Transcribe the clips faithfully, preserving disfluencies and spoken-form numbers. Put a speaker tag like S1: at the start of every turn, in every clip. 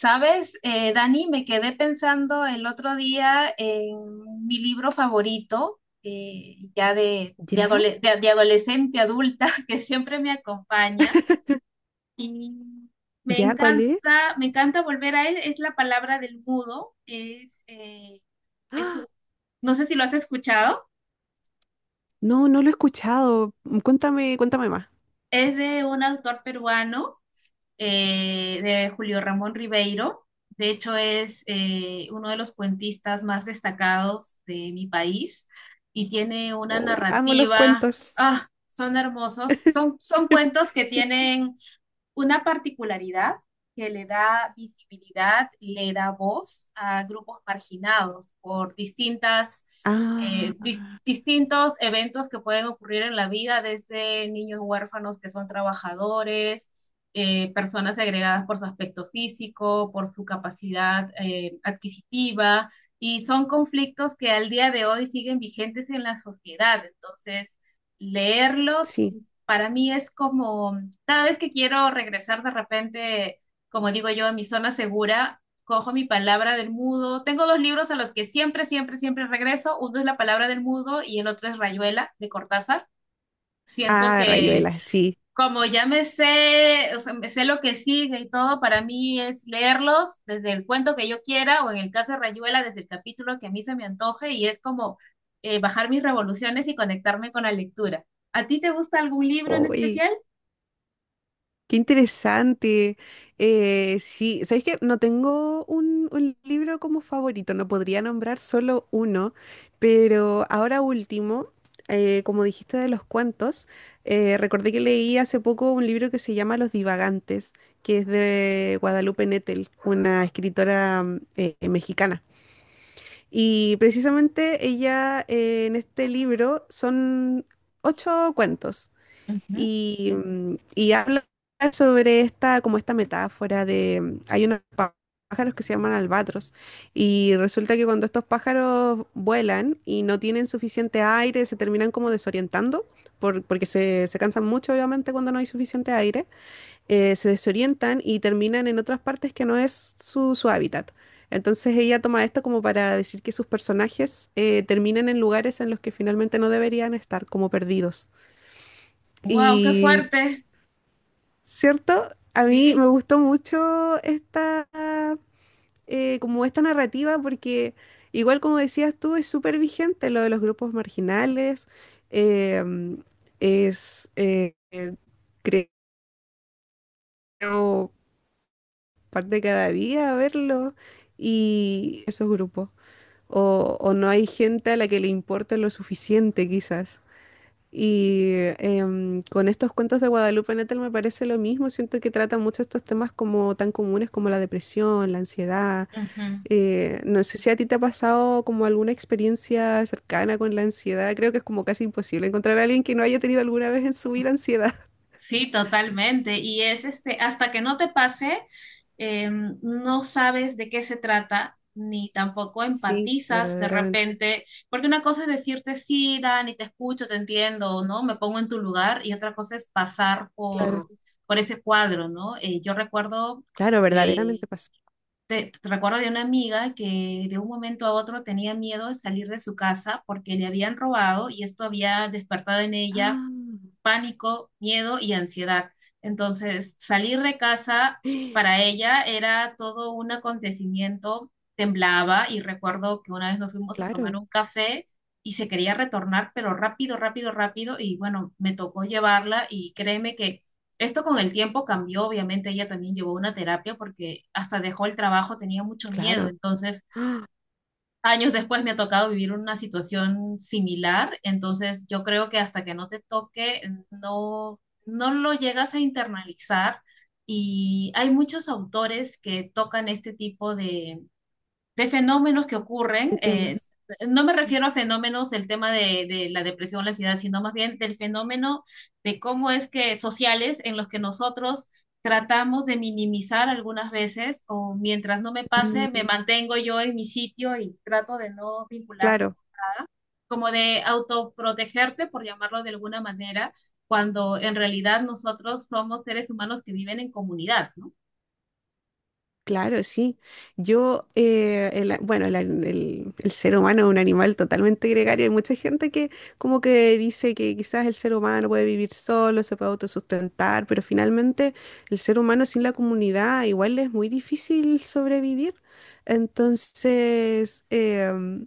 S1: Sabes, Eh, Dani, me quedé pensando el otro día en mi libro favorito, eh, ya de, de,
S2: ¿Ya?
S1: adole- de- de adolescente, adulta, que siempre me acompaña. Y me
S2: ¿Ya? ¿Cuál es?
S1: encanta, me encanta volver a él. Es La palabra del mudo. Es, eh, es
S2: ¡Ah!
S1: un- no sé si lo has escuchado.
S2: No, no lo he escuchado. Mm, cuéntame, cuéntame más.
S1: Es de un autor peruano, eh, de Julio Ramón Ribeiro. De hecho, es eh, uno de los cuentistas más destacados de mi país y tiene una
S2: Uy, amo los
S1: narrativa.
S2: cuentos.
S1: Ah, son hermosos. Son, son cuentos que
S2: Sí.
S1: tienen una particularidad que le da visibilidad, le da voz a grupos marginados por distintas, eh,
S2: Ah,
S1: dis- distintos eventos que pueden ocurrir en la vida, desde niños huérfanos que son trabajadores, eh, personas segregadas por su aspecto físico, por su capacidad eh, adquisitiva, y son conflictos que al día de hoy siguen vigentes en la sociedad. Entonces, leerlos
S2: sí.
S1: para mí es como cada vez que quiero regresar de repente, como digo yo, a mi zona segura, cojo mi palabra del mudo. Tengo dos libros a los que siempre, siempre, siempre regreso. Uno es La palabra del mudo y el otro es Rayuela de Cortázar. Siento
S2: Ah,
S1: que
S2: Rayuela, sí.
S1: como ya me sé, o sea, me sé lo que sigue y todo, para mí es leerlos desde el cuento que yo quiera o en el caso de Rayuela desde el capítulo que a mí se me antoje y es como eh, bajar mis revoluciones y conectarme con la lectura. ¿A ti te gusta algún libro en
S2: Uy,
S1: especial?
S2: qué interesante. Eh, sí, ¿sabéis que no tengo un, un libro como favorito? No podría nombrar solo uno, pero ahora último, eh, como dijiste de los cuentos, eh, recordé que leí hace poco un libro que se llama Los Divagantes, que es de Guadalupe Nettel, una escritora mm, eh, mexicana. Y precisamente ella eh, en este libro son ocho cuentos
S1: Ujú.
S2: y, mm, y habla sobre esta, como esta metáfora de, mm, hay unos pá- pájaros que se llaman albatros, y resulta que cuando estos pájaros vuelan y no tienen suficiente aire, se terminan como desorientando. Por- porque se, se cansan mucho, obviamente, cuando no hay suficiente aire, eh, se desorientan y terminan en otras partes que no es su, su hábitat. Entonces ella toma esto como para decir que sus personajes eh, terminan en lugares en los que finalmente no deberían estar, como perdidos.
S1: Wow, qué
S2: Y
S1: fuerte.
S2: ¿cierto? A mí me
S1: Sí,
S2: gustó mucho esta, eh, como esta narrativa porque, igual como decías tú, es súper vigente lo de los grupos marginales. eh, es, eh, eh, Creo, parte de cada día verlo y esos grupos. O, o no hay gente a la que le importa lo suficiente, quizás. Y em, con estos cuentos de Guadalupe Nettel me parece lo mismo, siento que tratan mucho estos temas como tan comunes como la depresión, la ansiedad.
S1: Ujú.
S2: Eh, no sé si a ti te ha pasado como alguna experiencia cercana con la ansiedad. Creo que es como casi imposible encontrar a alguien que no haya tenido alguna vez en su vida ansiedad.
S1: Sí, totalmente. Y es este, hasta que no te pase, em, no sabes de qué se trata, ni tampoco
S2: Sí,
S1: empatizas de
S2: verdaderamente.
S1: repente, porque una cosa es decirte sí, Dani, te escucho, te entiendo, ¿no? Me pongo en tu lugar, y otra cosa es pasar
S2: Claro,
S1: por, por ese cuadro, ¿no? Eh, yo recuerdo
S2: claro,
S1: eh,
S2: verdaderamente pasa.
S1: te, te recuerdo de una amiga que de un momento a otro tenía miedo de salir de su casa porque le habían robado y esto había despertado en ella
S2: Ah,
S1: pánico, miedo y ansiedad. Entonces, salir de casa para ella era todo un acontecimiento, temblaba y recuerdo que una vez nos fuimos a tomar
S2: claro,
S1: un café y se quería retornar, pero rápido, rápido, rápido y bueno, me tocó llevarla y créeme que esto con el tiempo cambió, obviamente ella también llevó una terapia porque hasta dejó el trabajo, tenía mucho miedo,
S2: claro.
S1: entonces
S2: Ah,
S1: años después me ha tocado vivir una situación similar, entonces yo creo que hasta que no te toque, no, no lo llegas a internalizar y hay muchos autores que tocan este tipo de, de fenómenos que ocurren,
S2: de
S1: eh,
S2: temas.
S1: no me refiero a fenómenos del tema de, de la depresión, la ansiedad, sino más bien del fenómeno de cómo es que sociales en los que nosotros tratamos de minimizar algunas veces o mientras no me pase, me
S2: Mm,
S1: mantengo yo en mi sitio y trato de no vincularme,
S2: claro.
S1: como de autoprotegerte, por llamarlo de alguna manera, cuando en realidad nosotros somos seres humanos que viven en comunidad, ¿no?
S2: Claro, sí. Yo, eh, el a- bueno, el, a- el- el ser humano es un animal totalmente gregario. Hay mucha gente que como que dice que quizás el ser humano puede vivir solo, se puede autosustentar, pero finalmente el ser humano sin la comunidad igual es muy difícil sobrevivir. Entonces, em,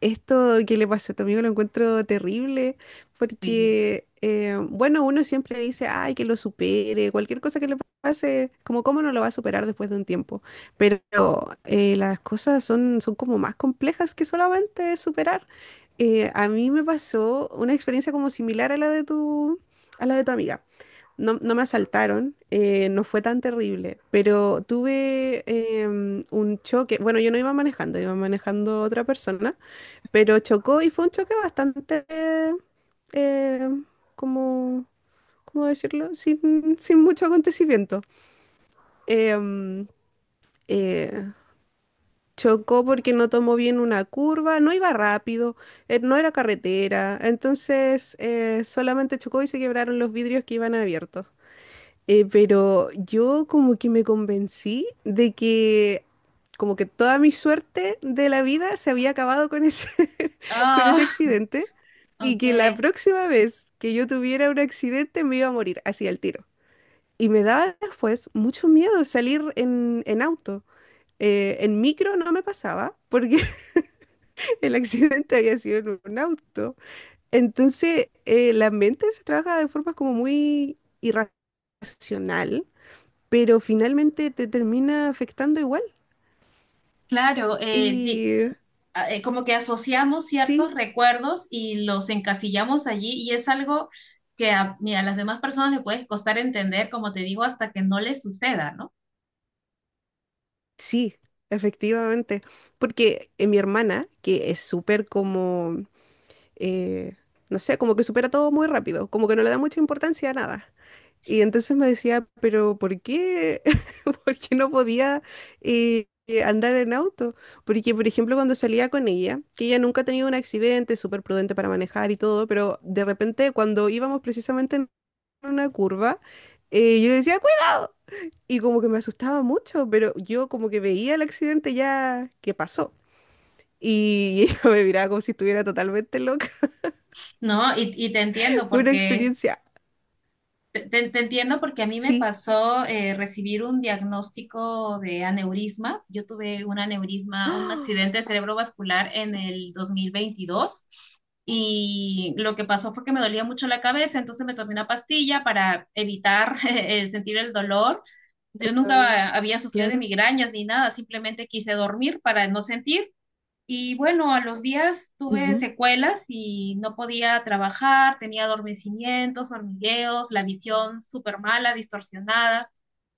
S2: esto que le pasó a tu amigo lo encuentro terrible,
S1: Sí.
S2: porque, eh, bueno, uno siempre dice, ay, que lo supere, cualquier cosa que le pase, como cómo no lo va a superar después de un tiempo. Pero eh, las cosas son, son como más complejas que solamente superar. Eh, a mí me pasó una experiencia como similar a la de tu, a la de tu amiga. No, no me asaltaron, eh, no fue tan terrible, pero tuve em, un choque. Bueno, yo no iba manejando, iba manejando otra persona, pero chocó y fue un choque bastante, eh, como, ¿cómo decirlo? Sin, sin mucho acontecimiento. Em, eh, Chocó porque no tomó bien una curva, no iba rápido, eh, no era carretera, entonces eh, solamente chocó y se quebraron los vidrios que iban abiertos. Eh, pero yo como que me convencí de que como que toda mi suerte de la vida se había acabado con ese, con ese
S1: Ah,
S2: accidente, y
S1: ok.
S2: que la próxima vez que yo tuviera un accidente me iba a morir así al tiro. Y me daba después mucho miedo salir en, en auto. Eh, en micro no me pasaba porque el accidente había sido en un auto. Entonces eh, la mente se trabaja de forma como muy irracional, pero finalmente te termina afectando igual.
S1: Claro, eh, di-
S2: Y eh,
S1: eh, como que asociamos
S2: sí,
S1: ciertos recuerdos y los encasillamos allí y es algo que a, mira, a las demás personas les puede costar entender, como te digo, hasta que no les suceda, ¿no?
S2: sí, efectivamente. Porque eh, mi hermana, que es súper como, eh, no sé, como que supera todo muy rápido, como que no le da mucha importancia a nada. Y entonces me decía, pero ¿por qué? ¿Por qué no podía eh, eh, andar en auto? Porque, por ejemplo, cuando salía con ella, que ella nunca ha tenido un accidente, súper prudente para manejar y todo, pero de repente cuando íbamos precisamente una curva, eh, yo decía, ¡cuidado! Y como que me asustaba mucho, pero yo como que veía el accidente ya que pasó. Y ella me miraba como si estuviera totalmente loca.
S1: ¿No? Y, y te entiendo
S2: Fue una
S1: porque
S2: experiencia,
S1: Te, te- entiendo porque a mí me
S2: sí.
S1: pasó eh, recibir un diagnóstico de aneurisma. Yo tuve un aneurisma, un
S2: ¡Ah!
S1: accidente cerebrovascular en el dos mil veintidós y lo que pasó fue que me dolía mucho la cabeza, entonces me tomé una pastilla para evitar el sentir el dolor.
S2: El
S1: Yo
S2: dolor,
S1: nunca había sufrido de
S2: claro.
S1: migrañas ni nada, simplemente quise dormir para no sentir y bueno, a los días tuve
S2: Ujú,
S1: secuelas y no podía trabajar, tenía adormecimientos, hormigueos, la visión súper mala, distorsionada.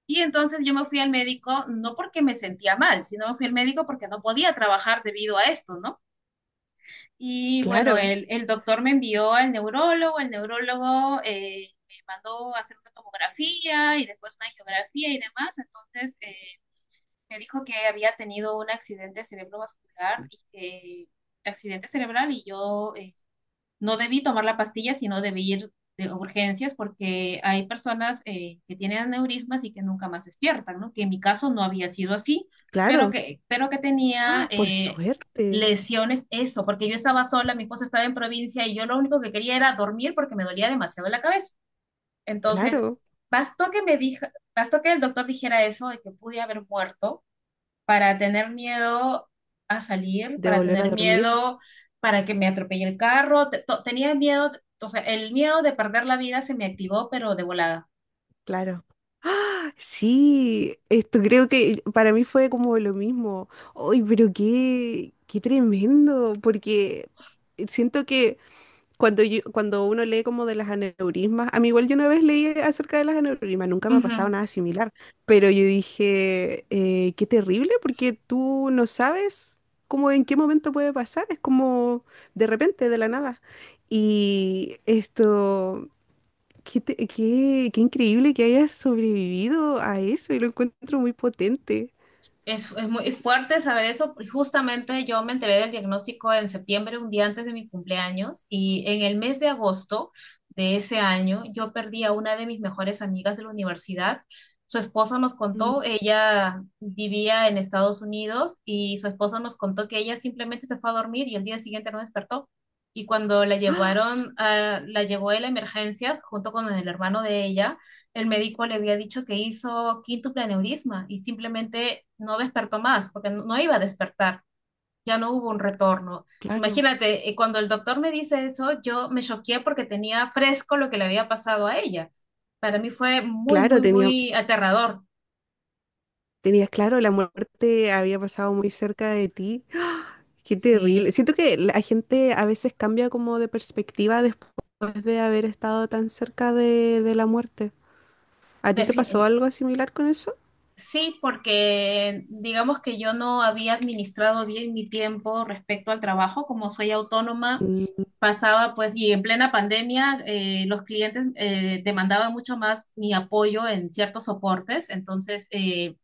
S1: Y entonces yo me fui al médico, no porque me sentía mal, sino me fui al médico porque no podía trabajar debido a esto, ¿no? Y bueno,
S2: claro,
S1: el, el doctor me envió al neurólogo, el neurólogo eh, me mandó a hacer una tomografía y después una angiografía y demás. Entonces, eh, me dijo que había tenido un accidente cerebrovascular y que accidente cerebral y yo, eh, no debí tomar la pastilla, sino debí ir de urgencias porque hay personas eh, que tienen aneurismas y que nunca más despiertan, ¿no? Que en mi caso no había sido así, pero
S2: claro.
S1: que, pero que tenía
S2: ¡Ah! Por
S1: eh,
S2: suerte,
S1: lesiones, eso, porque yo estaba sola, mi esposa estaba en provincia y yo lo único que quería era dormir porque me dolía demasiado la cabeza. Entonces,
S2: claro.
S1: bastó que me dijo, bastó que el doctor dijera eso de que pude haber muerto para tener miedo a salir,
S2: De
S1: para
S2: volver a
S1: tener
S2: dormir,
S1: miedo para que me atropelle el carro. Te- to- Tenía miedo, o sea, el miedo de perder la vida se me activó, pero de volada.
S2: claro. ¡Ah! Sí, esto creo que para mí fue como lo mismo. ¡Ay, pero qué, qué tremendo! Porque siento que Cuando, yo- cuando uno lee como de las aneurismas, a mí igual yo una vez leí acerca de las aneurismas, nunca me ha
S1: Ujú.
S2: pasado nada similar, pero yo dije, eh, qué terrible, porque tú no sabes cómo en qué momento puede pasar, es como de repente, de la nada. Y esto, qué, te- qué, qué increíble que hayas sobrevivido a eso, y lo encuentro muy potente.
S1: Es, es muy fuerte saber eso. Justamente yo me enteré del diagnóstico en septiembre, un día antes de mi cumpleaños, y en el mes de agosto de ese año yo perdí a una de mis mejores amigas de la universidad. Su esposo nos
S2: Mm,
S1: contó, ella vivía en Estados Unidos y su esposo nos contó que ella simplemente se fue a dormir y el día siguiente no despertó. Y cuando la
S2: s-
S1: llevaron, a- la llevó él a la emergencia junto con el hermano de ella, el médico le había dicho que hizo quíntuple aneurisma y simplemente no despertó más, porque no, no iba a despertar, ya no hubo un retorno.
S2: claro.
S1: Imagínate, eh, cuando el doctor me dice eso, yo me choqué porque tenía fresco lo que le había pasado a ella. Para mí fue muy,
S2: Claro,
S1: muy,
S2: tenía,
S1: muy aterrador.
S2: tenías claro, la muerte había pasado muy cerca de ti. Qué terrible.
S1: Sí.
S2: Siento que la gente a veces cambia como de perspectiva después de haber estado tan cerca de, de la muerte. ¿A ti te pasó
S1: Defin-
S2: algo similar con eso?
S1: sí, porque digamos que yo no había administrado bien mi tiempo respecto al trabajo, como soy autónoma
S2: Mm,
S1: pasaba pues, y en plena pandemia eh, los clientes eh, demandaban mucho más mi apoyo en ciertos soportes, entonces eh,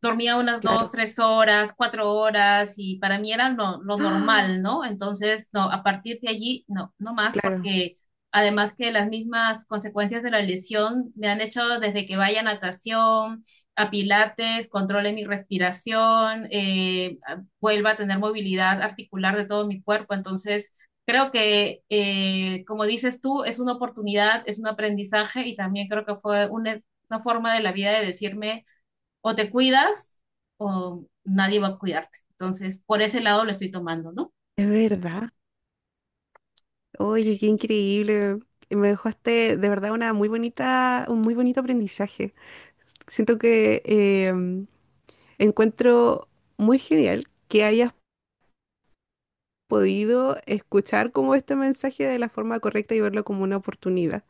S1: dormía unas dos,
S2: claro.
S1: tres horas, cuatro horas y para mí era lo, lo
S2: ¡Ah!
S1: normal, ¿no? Entonces, no, a partir de allí, no, no más
S2: Claro,
S1: porque además que las mismas consecuencias de la lesión me han hecho desde que vaya a natación, a pilates, controle mi respiración, eh, vuelva a tener movilidad articular de todo mi cuerpo. Entonces, creo que, eh, como dices tú, es una oportunidad, es un aprendizaje y también creo que fue una, una forma de la vida de decirme o te cuidas o nadie va a cuidarte. Entonces, por ese lado lo estoy tomando, ¿no?
S2: es verdad. Oye, qué
S1: Sí.
S2: increíble. Me dejaste de verdad una muy bonita, un muy bonito aprendizaje. Siento que eh, encuentro muy genial que hayas podido escuchar como este mensaje de la forma correcta y verlo como una oportunidad,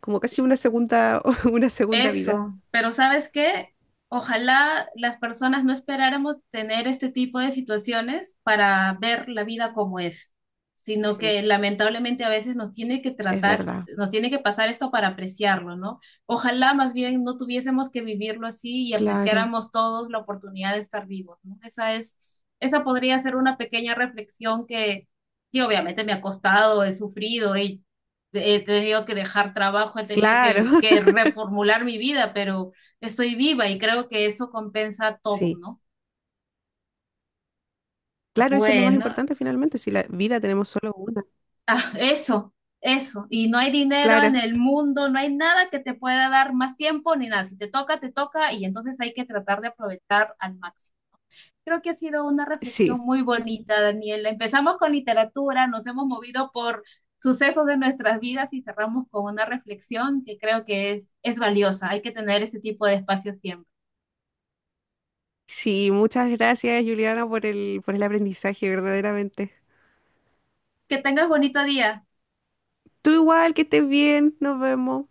S2: como casi una segunda, una segunda vida.
S1: Eso, pero ¿sabes qué? Ojalá las personas no esperáramos tener este tipo de situaciones para ver la vida como es, sino
S2: Sí,
S1: que lamentablemente a veces nos tiene que
S2: es
S1: tratar,
S2: verdad.
S1: nos tiene que pasar esto para apreciarlo, ¿no? Ojalá más bien no tuviésemos que vivirlo así y
S2: Claro,
S1: apreciáramos todos la oportunidad de estar vivos, ¿no? Esa es, esa podría ser una pequeña reflexión que, sí, obviamente me ha costado, he sufrido, he he tenido que dejar trabajo, he tenido que,
S2: claro.
S1: que reformular mi vida, pero estoy viva y creo que esto compensa todo,
S2: Sí,
S1: ¿no?
S2: claro, eso es lo más
S1: Bueno,
S2: importante finalmente, si la vida tenemos solo una.
S1: ah, eso, eso. Y no hay dinero en
S2: Claro,
S1: el mundo, no hay nada que te pueda dar más tiempo ni nada. Si te toca, te toca y entonces hay que tratar de aprovechar al máximo. Creo que ha sido una
S2: sí.
S1: reflexión muy bonita, Daniela. Empezamos con literatura, nos hemos movido por sucesos de nuestras vidas y cerramos con una reflexión que creo que es, es valiosa. Hay que tener este tipo de espacios siempre.
S2: Sí, muchas gracias, Juliana, por el, por el aprendizaje, verdaderamente.
S1: Que tengas bonito día.
S2: Tú igual, que estés bien, nos vemos.